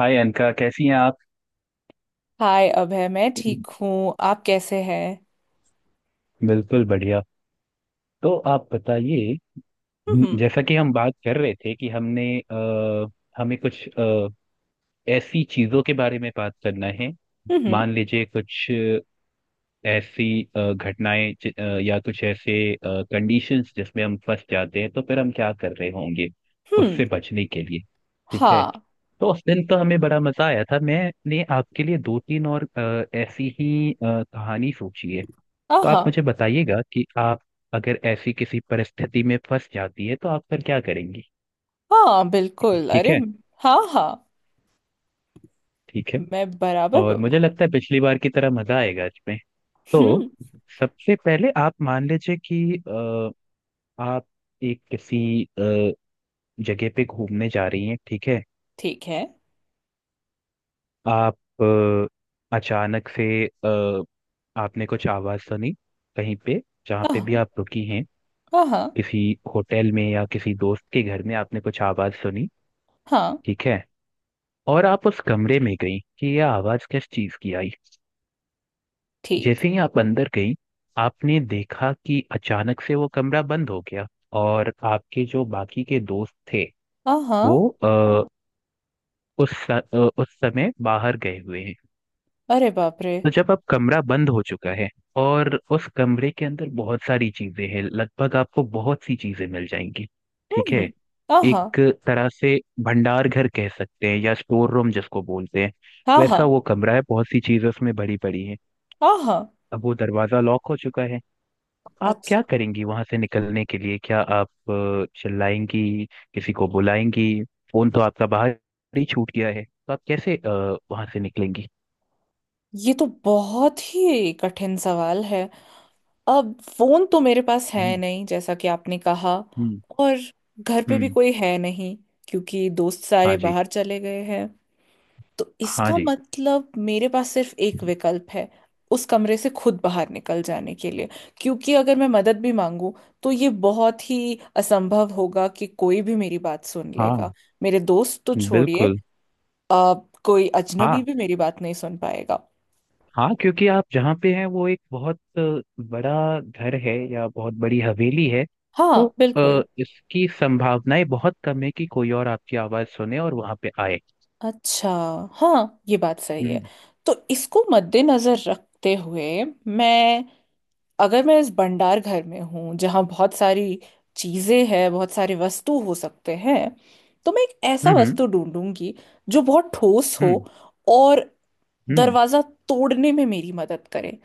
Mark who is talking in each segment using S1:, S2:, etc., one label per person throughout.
S1: हाय अनका, कैसी हैं आप?
S2: हाय अभय। मैं ठीक हूँ। आप कैसे हैं?
S1: बिल्कुल बढ़िया। तो आप बताइए।
S2: हम्म।
S1: जैसा कि हम बात कर रहे थे कि हमें कुछ ऐसी चीजों के बारे में बात करना है।
S2: हम्म।
S1: मान लीजिए कुछ ऐसी घटनाएं, या कुछ ऐसे कंडीशंस जिसमें हम फंस जाते हैं, तो फिर हम क्या कर रहे होंगे
S2: हम्म।
S1: उससे बचने के लिए। ठीक है।
S2: हाँ।
S1: तो उस दिन तो हमें बड़ा मजा आया था, मैंने आपके लिए दो तीन और ऐसी ही कहानी सोची है। तो
S2: आहा।
S1: आप मुझे बताइएगा कि आप अगर ऐसी किसी परिस्थिति में फंस जाती है तो आप फिर क्या करेंगी।
S2: हाँ, बिल्कुल।
S1: ठीक
S2: अरे।
S1: है।
S2: हाँ, हाँ।
S1: ठीक है।
S2: मैं बराबर
S1: और
S2: ब-
S1: मुझे लगता है पिछली बार की तरह मजा आएगा इसमें। तो
S2: हम्म।
S1: सबसे पहले आप मान लीजिए कि आप एक किसी अ, जगह पे घूमने जा रही हैं, ठीक है।
S2: ठीक है।
S1: अचानक से आपने कुछ आवाज सुनी कहीं पे, जहाँ पे
S2: आहा।
S1: भी आप रुकी हैं,
S2: आहा।
S1: किसी होटल में या किसी दोस्त के घर में आपने कुछ आवाज सुनी,
S2: हाँ।
S1: ठीक है। और आप उस कमरे में गई कि यह आवाज किस चीज की आई।
S2: ठीक।
S1: जैसे ही आप अंदर गई, आपने देखा कि अचानक से वो कमरा बंद हो गया, और आपके जो बाकी के दोस्त थे
S2: आहा।
S1: वो आ, उस स- अ, उस समय बाहर गए हुए हैं।
S2: अरे बाप रे।
S1: तो जब अब कमरा बंद हो चुका है, और उस कमरे के अंदर बहुत सारी चीजें हैं, लगभग आपको बहुत सी चीजें मिल जाएंगी, ठीक
S2: हम्म,
S1: है।
S2: हम्म। आहा।
S1: एक तरह से भंडार घर कह सकते हैं, या स्टोर रूम जिसको बोलते हैं,
S2: आहा।
S1: वैसा वो कमरा है। बहुत सी चीजें उसमें भरी पड़ी हैं।
S2: आहा।
S1: अब वो दरवाजा लॉक हो चुका है। आप क्या
S2: अच्छा।
S1: करेंगी वहां से निकलने के लिए? क्या आप चिल्लाएंगी? किसी को बुलाएंगी? फोन तो आपका बाहर ही छूट गया है, तो आप कैसे वहां से निकलेंगी?
S2: ये तो बहुत ही कठिन सवाल है। अब फोन तो मेरे पास है
S1: हम्म।
S2: नहीं, जैसा कि आपने कहा।
S1: हम्म।
S2: और घर पे भी
S1: हम्म।
S2: कोई है नहीं, क्योंकि दोस्त
S1: हाँ
S2: सारे
S1: जी।
S2: बाहर चले गए हैं। तो
S1: हाँ
S2: इसका
S1: जी।
S2: मतलब मेरे पास सिर्फ एक विकल्प है उस कमरे से खुद बाहर निकल जाने के लिए। क्योंकि अगर मैं मदद भी मांगूं तो ये बहुत ही असंभव होगा कि कोई भी मेरी बात सुन
S1: हाँ
S2: लेगा। मेरे दोस्त तो छोड़िए,
S1: बिल्कुल।
S2: अब कोई
S1: हाँ
S2: अजनबी भी मेरी बात नहीं सुन पाएगा।
S1: हाँ। क्योंकि आप जहाँ पे हैं वो एक बहुत बड़ा घर है, या बहुत बड़ी हवेली है।
S2: हाँ,
S1: तो
S2: बिल्कुल।
S1: इसकी संभावनाएं बहुत कम है कि कोई और आपकी आवाज सुने और वहां पे आए।
S2: अच्छा। हाँ, ये बात सही है।
S1: हम्म।
S2: तो इसको मद्देनजर रखते हुए मैं, अगर मैं इस भंडार घर में हूँ जहाँ बहुत सारी चीजें हैं, बहुत सारे वस्तु हो सकते हैं, तो मैं एक ऐसा
S1: हम्म।
S2: वस्तु ढूंढूंगी जो बहुत ठोस हो
S1: हम्म।
S2: और
S1: हम्म।
S2: दरवाजा तोड़ने में मेरी मदद करे।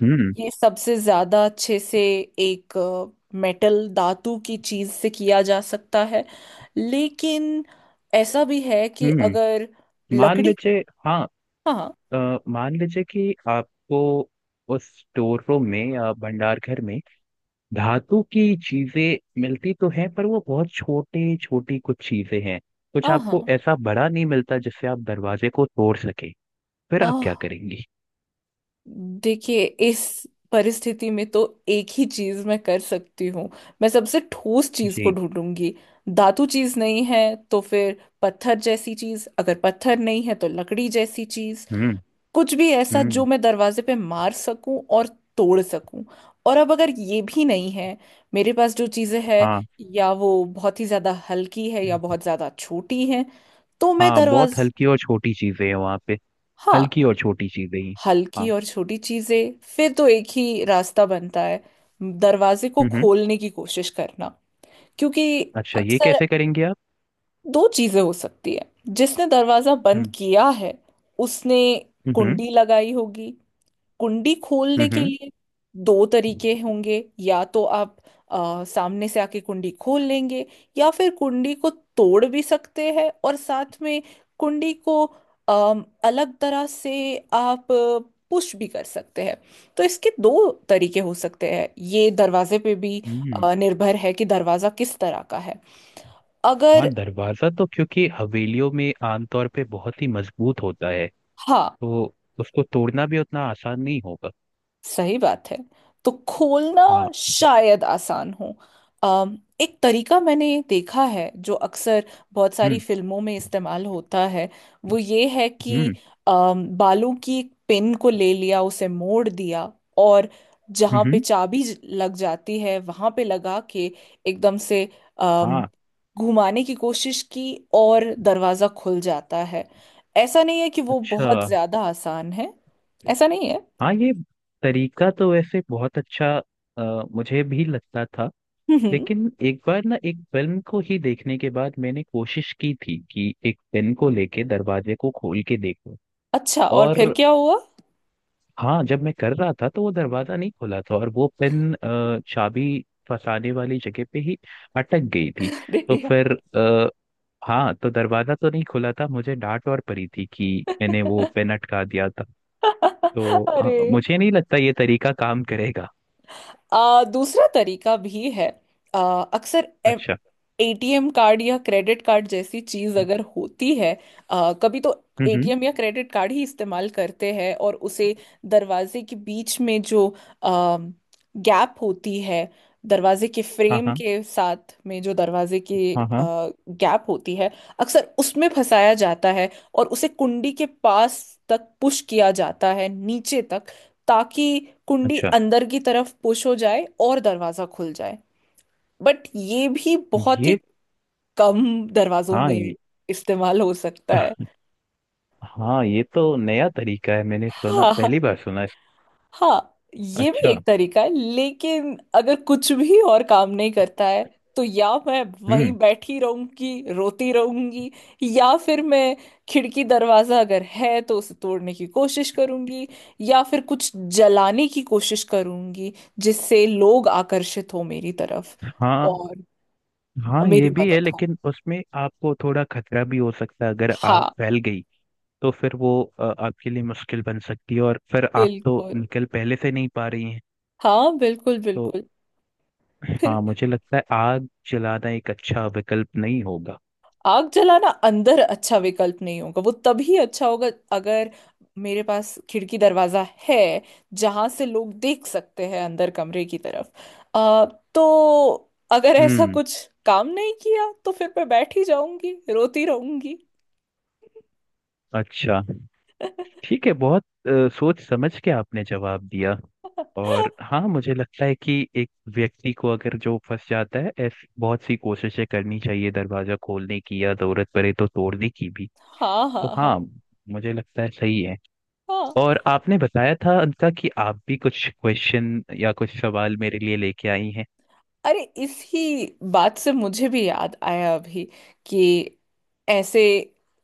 S1: हम्म।
S2: ये सबसे ज्यादा अच्छे से एक मेटल, धातु की चीज से किया जा सकता है। लेकिन ऐसा भी है कि
S1: हम्म। हम्म।
S2: अगर
S1: मान
S2: लकड़ी...
S1: लीजिए, हाँ।
S2: हाँ,
S1: मान लीजिए कि आपको उस स्टोर रूम में या भंडार घर में धातु की चीजें मिलती तो हैं, पर वो बहुत छोटे छोटी कुछ चीजें हैं। कुछ
S2: हाँ,
S1: आपको
S2: हाँ।
S1: ऐसा बड़ा नहीं मिलता जिससे आप दरवाजे को तोड़ सके। फिर आप क्या
S2: आह,
S1: करेंगी?
S2: देखिए, इस परिस्थिति में तो एक ही चीज मैं कर सकती हूँ। मैं सबसे ठोस चीज को
S1: जी।
S2: ढूंढूंगी। धातु चीज नहीं है तो फिर पत्थर जैसी चीज, अगर पत्थर नहीं है तो लकड़ी जैसी चीज,
S1: हम्म।
S2: कुछ भी ऐसा जो
S1: हम्म।
S2: मैं दरवाजे पे मार सकूं और तोड़ सकूं। और अब अगर ये भी नहीं है, मेरे पास जो चीजें हैं
S1: हाँ।
S2: या वो बहुत ही ज्यादा हल्की है या बहुत ज्यादा छोटी है, तो मैं
S1: हाँ, बहुत
S2: दरवाज...
S1: हल्की और छोटी चीजें हैं वहां पे।
S2: हाँ,
S1: हल्की और छोटी चीजें ही।
S2: हल्की
S1: हाँ।
S2: और छोटी चीजें फिर तो एक ही रास्ता बनता है, दरवाजे को
S1: हम्म। हम्म।
S2: खोलने की कोशिश करना। क्योंकि
S1: अच्छा, ये
S2: अक्सर
S1: कैसे करेंगे आप?
S2: दो चीजें हो सकती है। जिसने दरवाजा बंद
S1: हम्म।
S2: किया है उसने
S1: हम्म।
S2: कुंडी लगाई होगी। कुंडी खोलने के
S1: हम्म।
S2: लिए दो
S1: हम्म।
S2: तरीके होंगे, या तो आप सामने से आके कुंडी खोल लेंगे, या फिर कुंडी को तोड़ भी सकते हैं। और साथ में कुंडी को अलग तरह से आप पुश भी कर सकते हैं। तो इसके दो तरीके हो सकते हैं। ये दरवाजे पे भी
S1: हम्म।
S2: निर्भर है कि दरवाजा किस तरह का है।
S1: हाँ,
S2: अगर...
S1: दरवाजा तो क्योंकि हवेलियों में आमतौर पे बहुत ही मजबूत होता है,
S2: हाँ,
S1: तो उसको तोड़ना भी उतना आसान नहीं होगा।
S2: सही बात है। तो खोलना
S1: हाँ।
S2: शायद आसान हो। एक तरीका मैंने देखा है जो अक्सर बहुत सारी
S1: हम्म।
S2: फिल्मों में इस्तेमाल होता है। वो ये है कि
S1: हम्म।
S2: बालों की एक पिन को ले लिया, उसे मोड़ दिया और
S1: हम्म।
S2: जहाँ पे
S1: हम्म।
S2: चाबी लग जाती है वहाँ पे लगा के एकदम से अम,
S1: हाँ।
S2: घुमाने की कोशिश की और दरवाज़ा खुल जाता है। ऐसा नहीं है कि वो
S1: अच्छा।
S2: बहुत ज़्यादा आसान है। ऐसा नहीं है।
S1: हाँ, ये तरीका तो वैसे बहुत अच्छा मुझे भी लगता था। लेकिन एक बार ना, एक फिल्म को ही देखने के बाद मैंने कोशिश की थी कि एक पेन को लेके दरवाजे को खोल के देखूं।
S2: अच्छा, और फिर
S1: और
S2: क्या हुआ?
S1: हाँ, जब मैं कर रहा था तो वो दरवाजा नहीं खुला था, और वो पेन चाबी फंसाने वाली जगह पे ही अटक गई थी।
S2: दे
S1: तो
S2: दिया।
S1: फिर, अ, हाँ, तो दरवाजा तो नहीं खुला था, मुझे डांट और पड़ी थी कि मैंने वो पेन अटका दिया था। तो
S2: अरे
S1: मुझे नहीं लगता ये तरीका काम करेगा।
S2: दूसरा तरीका भी है। आ, अक्सर
S1: अच्छा।
S2: एटीएम कार्ड या क्रेडिट कार्ड जैसी चीज अगर होती है, कभी तो
S1: हम्म। हम्म।
S2: एटीएम या क्रेडिट कार्ड ही इस्तेमाल करते हैं और उसे दरवाजे के बीच में जो आ, गैप होती है, दरवाजे के
S1: हाँ,
S2: फ्रेम
S1: हाँ,
S2: के साथ में जो दरवाजे की
S1: हाँ, हाँ।
S2: गैप होती है, अक्सर उसमें फंसाया जाता है और उसे कुंडी के पास तक पुश किया जाता है, नीचे तक, ताकि कुंडी
S1: अच्छा,
S2: अंदर की तरफ पुश हो जाए और दरवाजा खुल जाए। बट ये भी बहुत ही
S1: ये,
S2: कम दरवाजों
S1: हाँ,
S2: में
S1: ये,
S2: इस्तेमाल हो सकता है।
S1: हाँ, ये तो नया तरीका है। मैंने सुना,
S2: हाँ,
S1: पहली बार सुना इस।
S2: हाँ। ये भी
S1: अच्छा।
S2: एक तरीका है, लेकिन अगर कुछ भी और काम नहीं करता है तो या मैं वहीं
S1: हम्म।
S2: बैठी रहूंगी, रोती रहूंगी, या फिर मैं, खिड़की दरवाजा अगर है तो उसे तोड़ने की कोशिश करूंगी, या फिर कुछ जलाने की कोशिश करूंगी जिससे लोग आकर्षित हो मेरी तरफ
S1: हाँ,
S2: और
S1: हाँ ये
S2: मेरी
S1: भी है,
S2: मदद हो।
S1: लेकिन उसमें आपको थोड़ा खतरा भी हो सकता है अगर आग
S2: हाँ,
S1: फैल गई। तो फिर वो आपके लिए मुश्किल बन सकती है, और फिर आप तो
S2: बिल्कुल।
S1: निकल पहले से नहीं पा रही हैं।
S2: हाँ, बिल्कुल,
S1: तो
S2: बिल्कुल।
S1: हाँ, मुझे लगता है आग जलाना एक अच्छा विकल्प नहीं होगा।
S2: आग जलाना अंदर अच्छा विकल्प नहीं होगा। वो तभी अच्छा होगा अगर मेरे पास खिड़की दरवाजा है जहां से लोग देख सकते हैं अंदर कमरे की तरफ, आ, तो अगर ऐसा
S1: हम्म।
S2: कुछ काम नहीं किया तो फिर मैं बैठ ही जाऊंगी, रोती रहूंगी।
S1: अच्छा। ठीक है, बहुत सोच समझ के आपने जवाब दिया। और हाँ, मुझे लगता है कि एक व्यक्ति को अगर जो फंस जाता है, ऐसी बहुत सी कोशिशें करनी चाहिए दरवाजा खोलने की, या जरूरत पड़े तो तोड़ने की भी।
S2: हाँ,
S1: तो
S2: हाँ, हाँ।
S1: हाँ, मुझे लगता है सही है।
S2: हाँ,
S1: और आपने बताया था अंका, कि आप भी कुछ क्वेश्चन या कुछ सवाल मेरे लिए लेके आई हैं।
S2: अरे, इसी बात से मुझे भी याद आया अभी कि ऐसे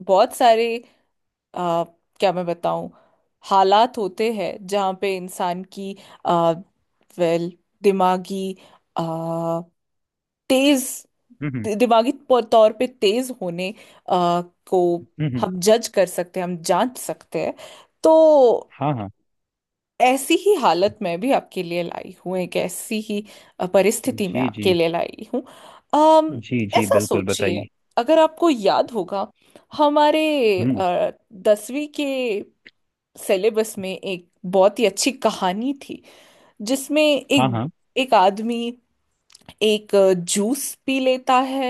S2: बहुत सारे आ, क्या मैं बताऊं, हालात होते हैं जहाँ पे इंसान की आ, वेल, दिमागी आ, तेज,
S1: हम्म।
S2: दिमागी तौर पे तेज होने आ, को
S1: हम्म। हम्म। हम्म।
S2: हम जज कर सकते हैं, हम जांच सकते हैं। तो
S1: हाँ। हाँ।
S2: ऐसी ही हालत में भी आपके लिए लाई हूँ, एक ऐसी ही परिस्थिति में
S1: जी
S2: आपके
S1: जी।
S2: लिए लाई हूँ। अम,
S1: जी जी,
S2: ऐसा
S1: बिल्कुल
S2: सोचिए,
S1: बताइए।
S2: अगर आपको याद होगा, हमारे
S1: हम्म।
S2: आ, 10वीं के सिलेबस में एक बहुत ही अच्छी कहानी थी जिसमें
S1: हाँ,
S2: एक
S1: हाँ,
S2: एक आदमी एक जूस पी लेता है,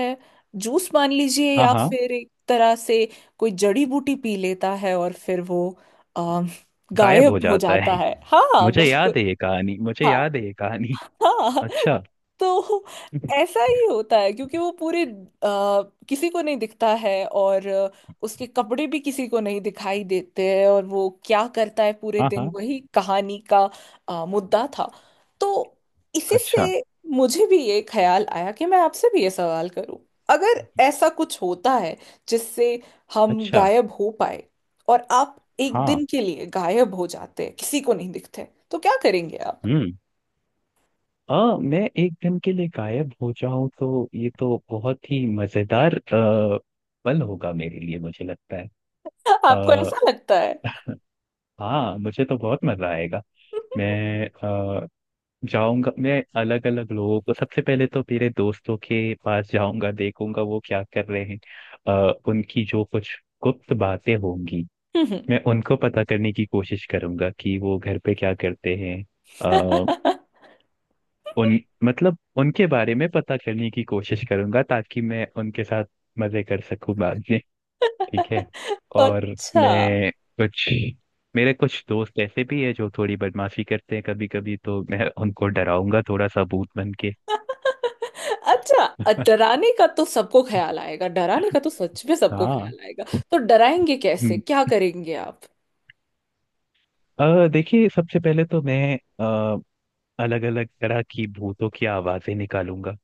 S2: जूस मान लीजिए,
S1: हाँ,
S2: या
S1: हाँ।
S2: फिर एक तरह से कोई जड़ी बूटी पी लेता है और फिर वो अ,
S1: गायब हो
S2: गायब हो
S1: जाता
S2: जाता
S1: है।
S2: है। हाँ, हाँ,
S1: मुझे याद
S2: बिल्कुल।
S1: है ये कहानी, मुझे
S2: हाँ।
S1: याद है ये कहानी।
S2: हाँ।
S1: अच्छा।
S2: तो ऐसा ही होता है क्योंकि वो पूरे किसी को नहीं दिखता है, और उसके कपड़े भी किसी को नहीं दिखाई देते हैं, और वो क्या करता है पूरे
S1: हाँ
S2: दिन,
S1: हाँ।
S2: वही कहानी का मुद्दा था। तो इसी
S1: अच्छा।
S2: से मुझे भी ये ख्याल आया कि मैं आपसे भी ये सवाल करूं। अगर ऐसा कुछ होता है जिससे हम
S1: अच्छा।
S2: गायब हो पाए, और आप एक
S1: हाँ।
S2: दिन के लिए गायब हो जाते हैं, किसी को नहीं दिखते, तो क्या करेंगे आप?
S1: हम्म। मैं एक दिन के लिए गायब हो जाऊं तो ये तो बहुत ही मजेदार पल होगा मेरे लिए, मुझे लगता है।
S2: आपको
S1: अ,
S2: ऐसा लगता है?
S1: हाँ, मुझे तो बहुत मजा आएगा। मैं जाऊंगा, मैं अलग अलग लोगों को, सबसे पहले तो मेरे दोस्तों के पास जाऊंगा, देखूंगा वो क्या कर रहे हैं। उनकी जो कुछ गुप्त बातें होंगी, मैं उनको पता करने की कोशिश करूंगा कि वो घर पे क्या करते हैं। अ, उन मतलब उनके बारे में पता करने की कोशिश करूंगा, ताकि मैं उनके साथ मजे कर सकूं बाद में। ठीक है। और
S2: अच्छा।
S1: मैं कुछ मेरे कुछ दोस्त ऐसे भी है जो थोड़ी बदमाशी करते हैं कभी कभी, तो मैं उनको डराऊंगा थोड़ा सा भूत बन के।
S2: अच्छा, डराने का तो सबको ख्याल आएगा, डराने का तो सच में सबको
S1: हाँ।
S2: ख्याल आएगा। तो डराएंगे कैसे,
S1: हम्म।
S2: क्या करेंगे आप?
S1: देखिए, सबसे पहले तो मैं अलग अलग तरह की भूतों की आवाजें निकालूंगा।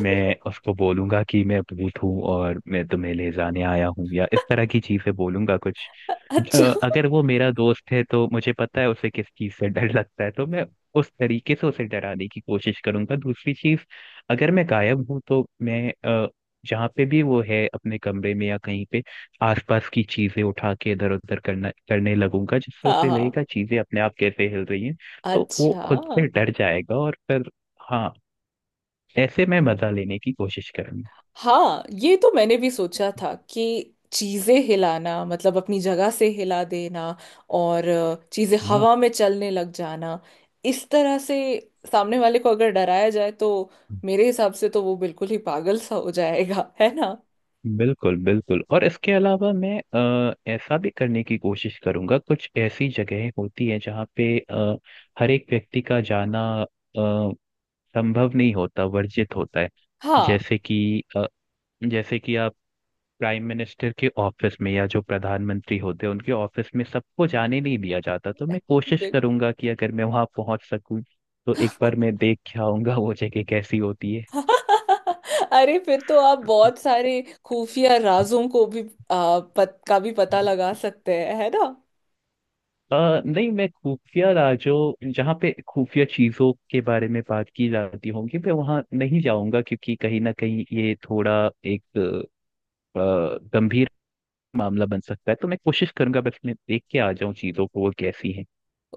S1: मैं उसको बोलूंगा कि मैं भूत हूँ और मैं तुम्हें ले जाने आया हूँ, या इस तरह की चीजें बोलूंगा कुछ।
S2: अच्छा।
S1: अगर वो मेरा दोस्त है तो मुझे पता है उसे किस चीज से डर लगता है, तो मैं उस तरीके से उसे डराने की कोशिश करूंगा। दूसरी चीज, अगर मैं गायब हूँ तो मैं अ, जहाँ पे भी वो है, अपने कमरे में या कहीं पे, आसपास की चीजें उठा के इधर उधर करना करने लगूंगा, जिससे
S2: हाँ,
S1: उसे
S2: हाँ।
S1: लगेगा चीजें अपने आप कैसे हिल रही हैं। तो वो
S2: अच्छा।
S1: खुद से डर जाएगा, और फिर, हाँ, ऐसे मैं मजा लेने की कोशिश करूंगी।
S2: हाँ, ये तो मैंने भी सोचा था कि चीजें हिलाना, मतलब अपनी जगह से हिला देना, और चीजें
S1: हाँ,
S2: हवा में चलने लग जाना, इस तरह से सामने वाले को अगर डराया जाए तो मेरे हिसाब से तो वो बिल्कुल ही पागल सा हो जाएगा, है ना?
S1: बिल्कुल बिल्कुल। और इसके अलावा मैं ऐसा भी करने की कोशिश करूंगा, कुछ ऐसी जगहें होती है जहाँ पे हर एक व्यक्ति का जाना संभव नहीं होता, वर्जित होता है।
S2: हाँ
S1: जैसे कि अ, जैसे कि आप प्राइम मिनिस्टर के ऑफिस में, या जो प्रधानमंत्री होते हैं उनके ऑफिस में सबको जाने नहीं दिया जाता, तो मैं कोशिश
S2: बिल...
S1: करूंगा कि अगर मैं वहां पहुंच सकूं, तो एक बार मैं देख के आऊंगा वो जगह कैसी होती है।
S2: अरे, फिर तो आप बहुत सारे खुफिया राजों को भी पत, का भी पता लगा सकते हैं, है ना?
S1: अ, नहीं, मैं खुफिया राजो जहाँ पे खुफिया चीजों के बारे में बात की जाती होगी, मैं वहां नहीं जाऊंगा, क्योंकि कहीं ना कहीं ये थोड़ा एक गंभीर मामला बन सकता है। तो मैं कोशिश करूंगा बस मैं देख के आ जाऊं चीजों को वो कैसी है।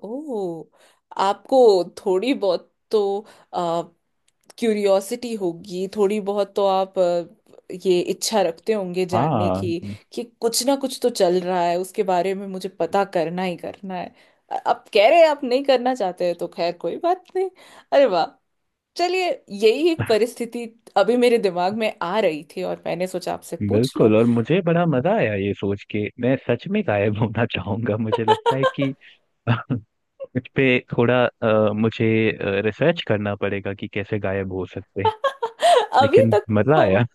S2: ओह, आपको थोड़ी बहुत तो क्यूरियोसिटी होगी, थोड़ी बहुत तो आप ये इच्छा रखते होंगे जानने
S1: हाँ
S2: की कि कुछ ना कुछ तो चल रहा है, उसके बारे में मुझे पता करना ही करना है। आप कह रहे हैं आप नहीं करना चाहते हैं तो खैर कोई बात नहीं। अरे वाह। चलिए। यही एक परिस्थिति अभी मेरे दिमाग में आ रही थी और मैंने सोचा आपसे पूछ लूं।
S1: बिल्कुल, और मुझे बड़ा मजा आया ये सोच के। मैं सच में गायब होना चाहूंगा। मुझे लगता है कि इस पे थोड़ा मुझे रिसर्च करना पड़ेगा कि कैसे गायब हो सकते हैं।
S2: अभी
S1: लेकिन
S2: तक
S1: मजा
S2: तो,
S1: आया।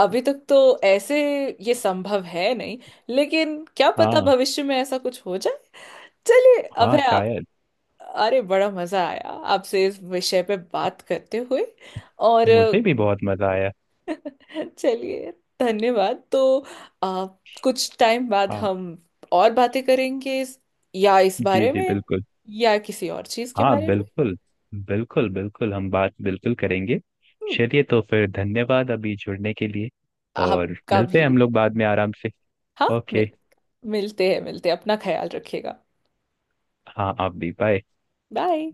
S2: अभी तक तो ऐसे ये संभव है नहीं, लेकिन क्या पता
S1: हाँ।
S2: भविष्य में ऐसा कुछ हो जाए। चलिए, अब
S1: हाँ
S2: है।
S1: शायद।
S2: अरे, बड़ा मजा आया आपसे इस विषय पे बात करते हुए। और
S1: मुझे भी बहुत मजा आया।
S2: चलिए, धन्यवाद तो, अ, कुछ टाइम बाद
S1: हाँ
S2: हम और बातें करेंगे इस, या इस
S1: जी
S2: बारे
S1: जी,
S2: में,
S1: बिल्कुल।
S2: या किसी और चीज के
S1: हाँ
S2: बारे में।
S1: बिल्कुल। बिल्कुल बिल्कुल, हम बात बिल्कुल करेंगे।
S2: हम्म।
S1: चलिए, तो फिर धन्यवाद अभी जुड़ने के लिए। और
S2: आपका
S1: मिलते हैं
S2: भी।
S1: हम लोग बाद में आराम से।
S2: हाँ
S1: ओके।
S2: मिल, मिलते हैं, मिलते हैं, अपना ख्याल रखिएगा।
S1: हाँ आप भी, बाय।
S2: बाय।